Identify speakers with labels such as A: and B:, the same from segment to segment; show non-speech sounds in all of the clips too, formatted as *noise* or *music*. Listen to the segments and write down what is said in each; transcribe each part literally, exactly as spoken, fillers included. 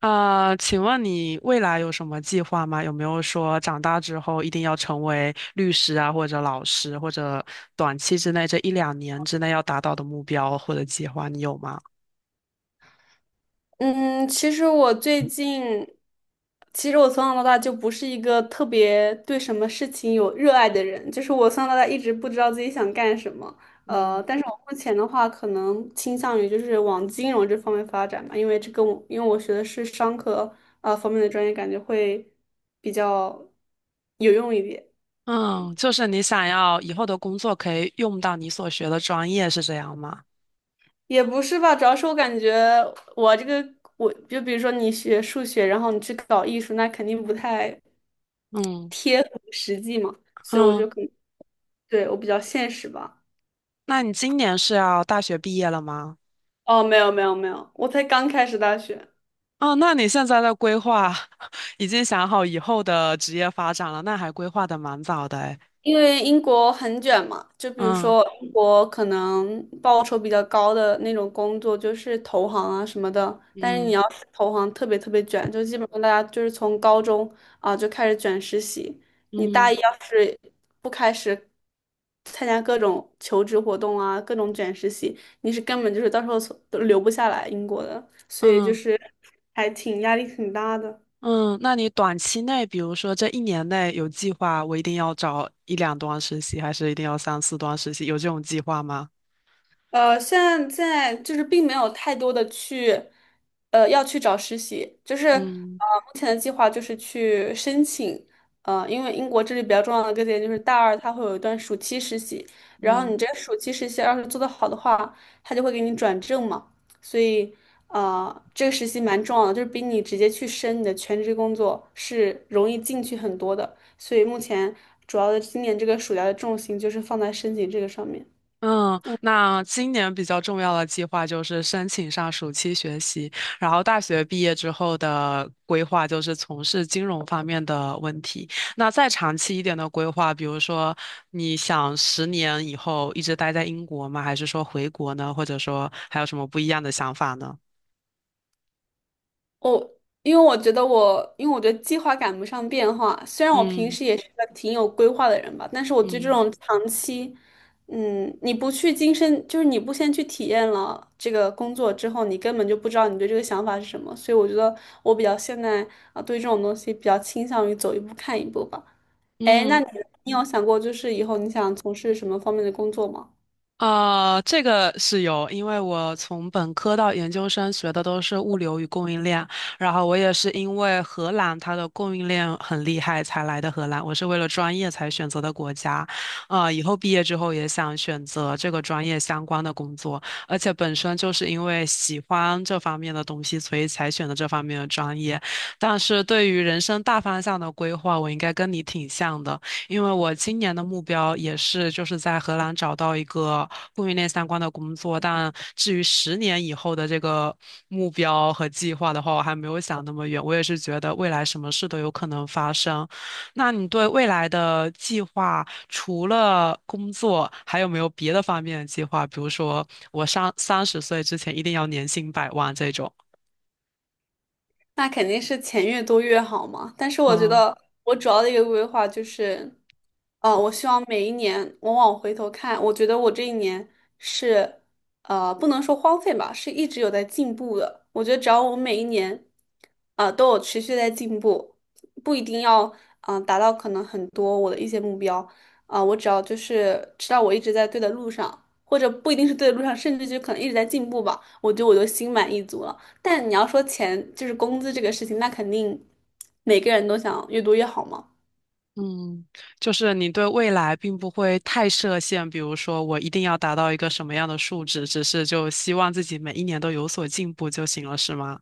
A: 啊，请问你未来有什么计划吗？有没有说长大之后一定要成为律师啊，或者老师，或者短期之内这一两年之内要达到的目标或者计划，你有吗？
B: 嗯，其实我最近，其实我从小到大就不是一个特别对什么事情有热爱的人，就是我从小到大一直不知道自己想干什么。
A: 嗯，
B: 呃，但是我目前的话，可能倾向于就是往金融这方面发展吧，因为这跟我因为我学的是商科啊、呃方面的专业，感觉会比较有用一点。
A: 嗯，就是你想要以后的工作可以用到你所学的专业，是这样吗？
B: 也不是吧，主要是我感觉我这个，我就比如说你学数学，然后你去搞艺术，那肯定不太
A: 嗯
B: 贴合实际嘛，所以我
A: 嗯，
B: 就可能，对，我比较现实吧。
A: 那你今年是要大学毕业了吗？
B: 哦，没有没有没有，我才刚开始大学。
A: 哦，那你现在的规划 *laughs* 已经想好以后的职业发展了，那还规划的蛮早的诶。
B: 因为英国很卷嘛，就比如
A: 嗯
B: 说英国可能报酬比较高的那种工作就是投行啊什么的，但是你
A: 嗯
B: 要是投行特别特别卷，就基本上大家就是从高中啊就开始卷实习，你大
A: 嗯。
B: 一要是不开始参加各种求职活动啊，各种卷实习，你是根本就是到时候从都留不下来英国的，所以就
A: 嗯
B: 是还挺压力挺大的。
A: 嗯，那你短期内，比如说这一年内有计划，我一定要找一两段实习，还是一定要三四段实习？有这种计划吗？
B: 呃，现在就是并没有太多的去，呃，要去找实习，就是呃，
A: 嗯
B: 目前的计划就是去申请，呃，因为英国这里比较重要的一个点就是大二它会有一段暑期实习，然后
A: 嗯
B: 你这个暑期实习要是做的好的话，他就会给你转正嘛，所以呃，这个实习蛮重要的，就是比你直接去申你的全职工作是容易进去很多的，所以目前主要的今年这个暑假的重心就是放在申请这个上面。
A: 嗯，那今年比较重要的计划就是申请上暑期学习，然后大学毕业之后的规划就是从事金融方面的问题。那再长期一点的规划，比如说你想十年以后一直待在英国吗？还是说回国呢？或者说还有什么不一样的想法呢？
B: 我因为我觉得我，因为我觉得计划赶不上变化。虽然我平
A: 嗯。
B: 时也是个挺有规划的人吧，但是我对这
A: 嗯
B: 种长期，嗯，你不去亲身，就是你不先去体验了这个工作之后，你根本就不知道你对这个想法是什么。所以我觉得我比较现在啊，对这种东西比较倾向于走一步看一步吧。哎，那
A: 嗯，
B: 你你有想过就是以后你想从事什么方面的工作吗？
A: 啊，这个是有，因为我从本科到研究生学的都是物流与供应链，然后我也是因为荷兰它的供应链很厉害才来的荷兰，我是为了专业才选择的国家，啊、以后毕业之后也想选择这个专业相关的工作，而且本身就是因为喜欢这方面的东西，所以才选的这方面的专业。但是对于人生大方向的规划，我应该跟你挺像的。因为我今年的目标也是就是在荷兰找到一个供应链相关的工作，但至于十年以后的这个目标和计划的话，我还没有想那么远。我也是觉得未来什么事都有可能发生。那你对未来的计划，除了工作，还有没有别的方面的计划？比如说，我上三十岁之前一定要年薪百万这种。
B: 那肯定是钱越多越好嘛。但是我觉
A: 嗯
B: 得我主要的一个规划就是，呃，我希望每一年我往回头看，我觉得我这一年是，呃，不能说荒废吧，是一直有在进步的。我觉得只要我每一年，啊，都有持续在进步，不一定要，嗯、达到可能很多我的一些目标，啊、我只要就是知道我一直在对的路上，或者不一定是对的路上，甚至就可能一直在进步吧，我觉得我就心满意足了。但你要说钱，就是工资这个事情，那肯定每个人都想越多越好嘛。
A: 嗯，就是你对未来并不会太设限，比如说我一定要达到一个什么样的数值，只是就希望自己每一年都有所进步就行了，是吗？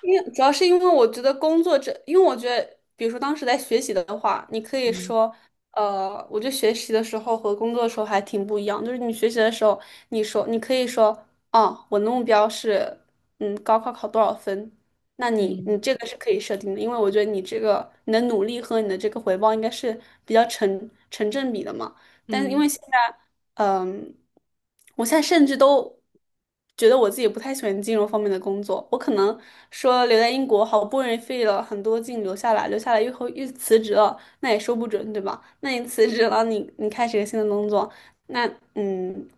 B: 因为主要是因为我觉得工作这，因为我觉得，比如说当时在学习的话，你可以
A: 嗯
B: 说，呃，我觉得学习的时候和工作的时候还挺不一样。就是你学习的时候，你说你可以说，哦，我的目标是，嗯，高考考多少分？那你
A: 嗯
B: 你这个是可以设定的，因为我觉得你这个你的努力和你的这个回报应该是比较成成正比的嘛。但是因
A: 嗯
B: 为现在。嗯，我现在甚至都觉得我自己不太喜欢金融方面的工作。我可能说留在英国，好不容易费了很多劲留下来，留下来又后又辞职了，那也说不准，对吧？那你辞职了，你你开始一个新的工作，那嗯，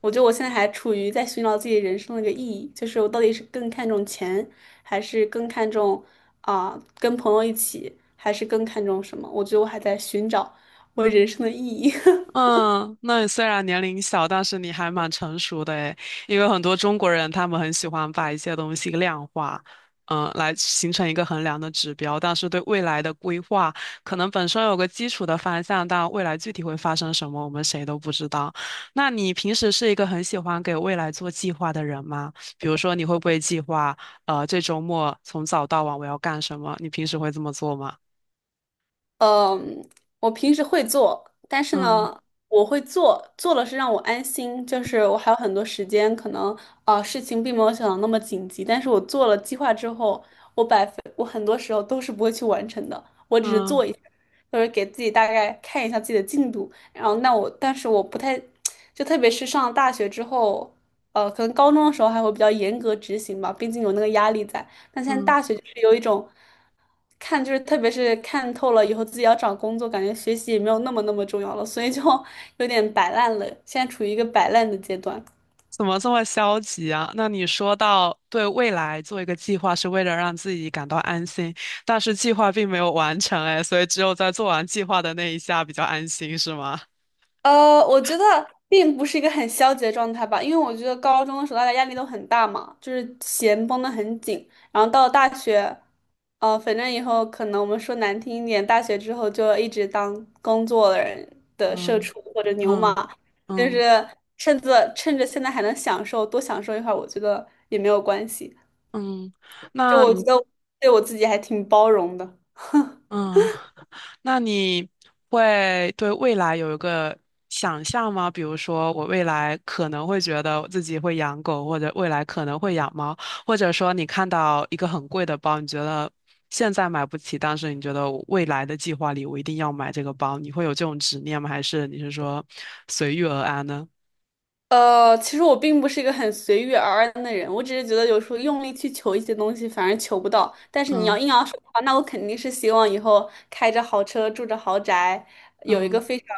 B: 我觉得我现在还处于在寻找自己人生的一个意义，就是我到底是更看重钱，还是更看重啊、跟朋友一起，还是更看重什么？我觉得我还在寻找我人生的意义。
A: 嗯，那你虽然年龄小，但是你还蛮成熟的诶，因为很多中国人他们很喜欢把一些东西量化，嗯，来形成一个衡量的指标，但是对未来的规划，可能本身有个基础的方向，但未来具体会发生什么，我们谁都不知道。那你平时是一个很喜欢给未来做计划的人吗？比如说，你会不会计划，呃，这周末从早到晚我要干什么？你平时会这么做吗？
B: 嗯，我平时会做，但是
A: 嗯
B: 呢，我会做，做了是让我安心，就是我还有很多时间，可能啊事情并没有想的那么紧急，但是我做了计划之后，我百分我很多时候都是不会去完成的，我只是
A: 嗯
B: 做一下，就是给自己大概看一下自己的进度，然后那我，但是我不太，*tsk* 就特别是上了大学之后，呃，可能高中的时候还会比较严格执行吧，毕竟有那个压力在，但现在
A: 嗯。
B: 大学就是有一种。看就是特别是看透了以后，自己要找工作，感觉学习也没有那么那么重要了，所以就 *laughs* 有点摆烂了，现在处于一个摆烂的阶段。
A: 怎么这么消极啊？那你说到对未来做一个计划是为了让自己感到安心，但是计划并没有完成，哎，所以只有在做完计划的那一下比较安心，是吗？
B: 呃，我觉得 *laughs* 并不是一个很消极的状态吧，因为我觉得高中的时候大家压力都很大嘛，就是弦绷得很紧，然后到了大学，呃，反正以后可能我们说难听一点，大学之后就一直当工作的人的社
A: 嗯
B: 畜或者牛马，
A: 嗯
B: 就
A: 嗯
B: 是趁着趁着现在还能享受，多享受一会儿，我觉得也没有关系。
A: 嗯，
B: 就
A: 那
B: 我觉
A: 你
B: 得对我自己还挺包容的。
A: 嗯，*laughs* 那你会对未来有一个想象吗？比如说，我未来可能会觉得我自己会养狗，或者未来可能会养猫，或者说你看到一个很贵的包，你觉得现在买不起，但是你觉得我未来的计划里我一定要买这个包，你会有这种执念吗？还是你是说随遇而安呢？
B: 呃，其实我并不是一个很随遇而安的人，我只是觉得有时候用力去求一些东西，反而求不到。但是你要
A: 嗯
B: 硬要说的话，那我肯定是希望以后开着豪车，住着豪宅，有一个
A: 嗯
B: 非常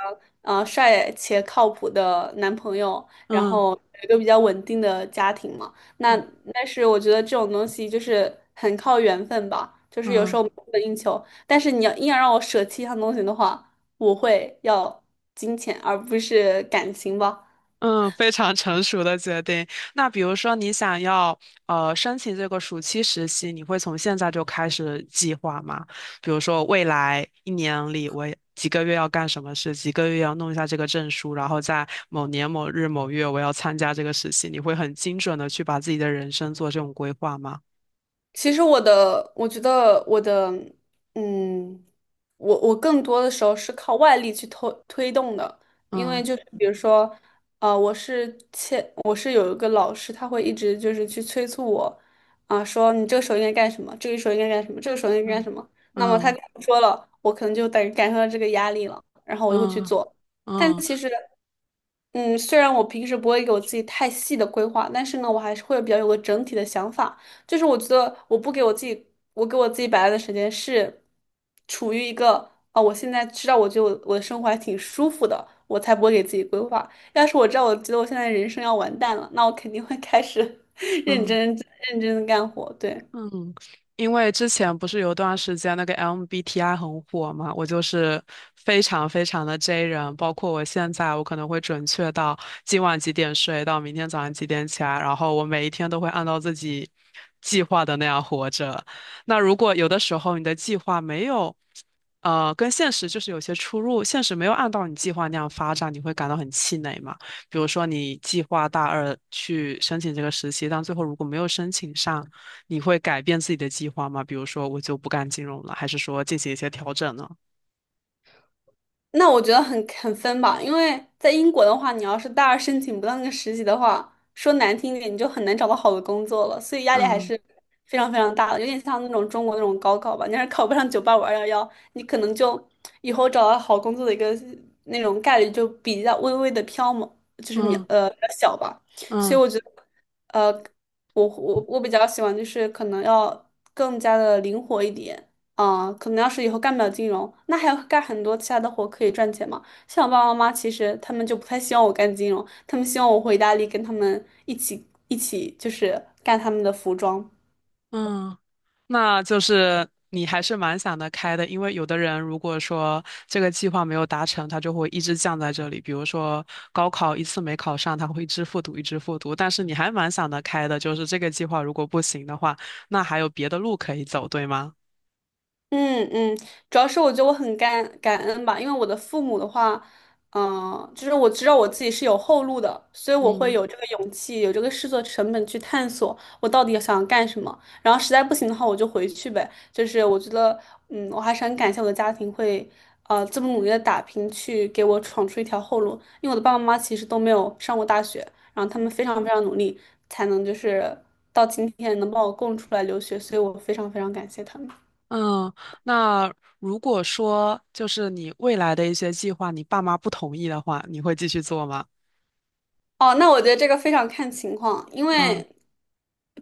B: 呃帅且靠谱的男朋友，然
A: 嗯
B: 后有一个比较稳定的家庭嘛。
A: 嗯
B: 那
A: 嗯。
B: 但是我觉得这种东西就是很靠缘分吧，就是有时
A: 嗯
B: 候不能硬求。但是你要硬要让我舍弃一项东西的话，我会要金钱而不是感情吧。
A: 嗯，非常成熟的决定。那比如说，你想要呃申请这个暑期实习，你会从现在就开始计划吗？比如说，未来一年里，我几个月要干什么事，几个月要弄一下这个证书，然后在某年某日某月我要参加这个实习，你会很精准的去把自己的人生做这种规划吗？
B: 其实我的，我觉得我的，嗯，我我更多的时候是靠外力去推推动的，因为
A: 嗯
B: 就是比如说，啊，我是欠，我是有一个老师，他会一直就是去催促我，啊、说你这个时候应该干什么，这个时候应该干什么，这个时候应该干
A: 嗯
B: 什么。那么他
A: 嗯
B: 跟我说了，我可能就感感受到这个压力了，然后我就会去
A: 嗯
B: 做。但
A: 嗯
B: 其实，嗯，虽然我平时不会给我自己太细的规划，但是呢，我还是会比较有个整体的想法。就是我觉得我不给我自己，我给我自己摆烂的时间是处于一个啊，我现在知道我觉得我我的生活还挺舒服的，我才不会给自己规划。要是我知道我觉得我现在人生要完蛋了，那我肯定会开始 *laughs* 认
A: 嗯。
B: 真认真的干活，对。
A: 嗯，因为之前不是有段时间那个 M B T I 很火嘛，我就是非常非常的 J 人，包括我现在，我可能会准确到今晚几点睡，到明天早上几点起来，然后我每一天都会按照自己计划的那样活着。那如果有的时候你的计划没有，呃，跟现实就是有些出入，现实没有按照你计划那样发展，你会感到很气馁嘛？比如说你计划大二去申请这个实习，但最后如果没有申请上。你会改变自己的计划吗？比如说，我就不干金融了，还是说进行一些调整呢？
B: 那我觉得很很分吧，因为在英国的话，你要是大二申请不到那个实习的话，说难听一点，你就很难找到好的工作了，所以压力还
A: 嗯
B: 是非常非常大的，有点像那种中国那种高考吧。你要是考不上九八五二幺幺，你可能就以后找到好工作的一个那种概率就比较微微的飘嘛，就是渺
A: 嗯
B: 呃比较小吧。所
A: 嗯
B: 以我觉得，呃，我我我比较喜欢就是可能要更加的灵活一点。嗯，可能要是以后干不了金融，那还要干很多其他的活可以赚钱嘛。像我爸爸妈妈，其实他们就不太希望我干金融，他们希望我回意大利跟他们一起一起，就是干他们的服装。
A: 嗯，那就是你还是蛮想得开的，因为有的人如果说这个计划没有达成，他就会一直降在这里。比如说高考一次没考上，他会一直复读，一直复读。但是你还蛮想得开的，就是这个计划如果不行的话，那还有别的路可以走，对吗？
B: 嗯嗯，主要是我觉得我很感感恩吧，因为我的父母的话，嗯、就是我知道我自己是有后路的，所以我会
A: 嗯。
B: 有这个勇气，有这个试错成本去探索我到底想干什么。然后实在不行的话，我就回去呗。就是我觉得，嗯，我还是很感谢我的家庭会，呃，这么努力的打拼去给我闯出一条后路。因为我的爸爸妈妈其实都没有上过大学，然后他们非常非常努力，才能就是到今天能把我供出来留学，所以我非常非常感谢他们。
A: 嗯，那如果说就是你未来的一些计划，你爸妈不同意的话，你会继续做吗？
B: 哦，那我觉得这个非常看情况，因
A: 嗯
B: 为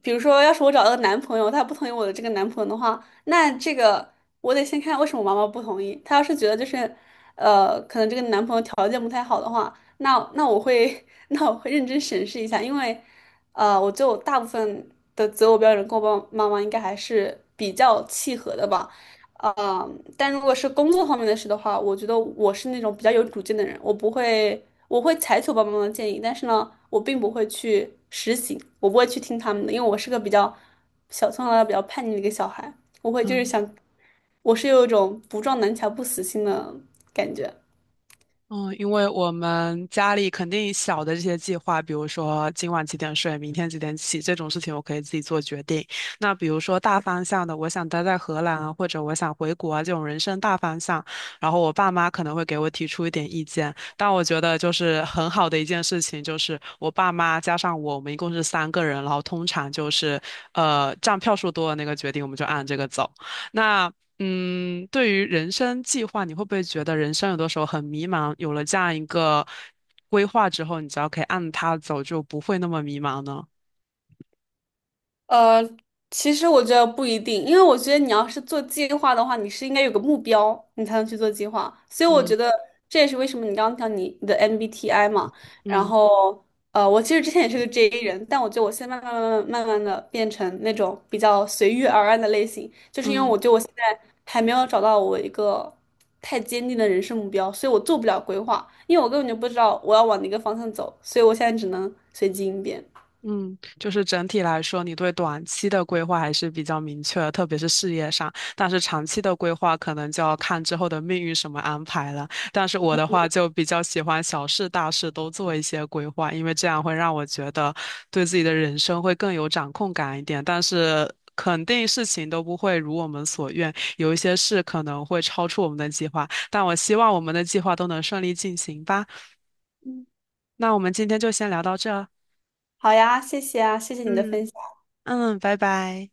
B: 比如说，要是我找到个男朋友，他不同意我的这个男朋友的话，那这个我得先看为什么我妈妈不同意。她要是觉得就是，呃，可能这个男朋友条件不太好的话，那那我会 *laughs* 那我会认真审视一下，因为，呃，我就大部分的择偶标准跟我爸妈妈应该还是比较契合的吧。呃，但如果是工作方面的事的话，我觉得我是那种比较有主见的人，我不会，我会采取我爸爸妈妈的建议，但是呢，我并不会去实行，我不会去听他们的，因为我是个比较小，从小到大比较叛逆的一个小孩，我会就是
A: 嗯。
B: 想，我是有一种不撞南墙不死心的感觉。
A: 嗯，因为我们家里肯定小的这些计划，比如说今晚几点睡，明天几点起这种事情，我可以自己做决定。那比如说大方向的，我想待在荷兰啊，或者我想回国啊，这种人生大方向，然后我爸妈可能会给我提出一点意见。但我觉得就是很好的一件事情，就是我爸妈加上我，我们一共是三个人，然后通常就是呃占票数多的那个决定，我们就按这个走。那嗯，对于人生计划，你会不会觉得人生有的时候很迷茫？有了这样一个规划之后，你只要可以按它走，就不会那么迷茫呢？
B: 呃，其实我觉得不一定，因为我觉得你要是做计划的话，你是应该有个目标，你才能去做计划。所以我觉
A: 嗯
B: 得这也是为什么你刚刚讲你你的 M B T I 嘛，然
A: 嗯
B: 后呃，我其实之前也是个 J 人，但我觉得我现在慢慢慢慢慢的变成那种比较随遇而安的类型，就是因为
A: 嗯。
B: 我觉得我现在还没有找到我一个太坚定的人生目标，所以我做不了规划，因为我根本就不知道我要往哪个方向走，所以我现在只能随机应变。
A: 嗯，就是整体来说，你对短期的规划还是比较明确的，特别是事业上。但是长期的规划可能就要看之后的命运什么安排了。但是我的话就比较喜欢小事大事都做一些规划，因为这样会让我觉得对自己的人生会更有掌控感一点。但是肯定事情都不会如我们所愿，有一些事可能会超出我们的计划。但我希望我们的计划都能顺利进行吧。那我们今天就先聊到这儿。
B: 好呀，谢谢啊，谢谢你的
A: 嗯
B: 分享。
A: 嗯，拜拜。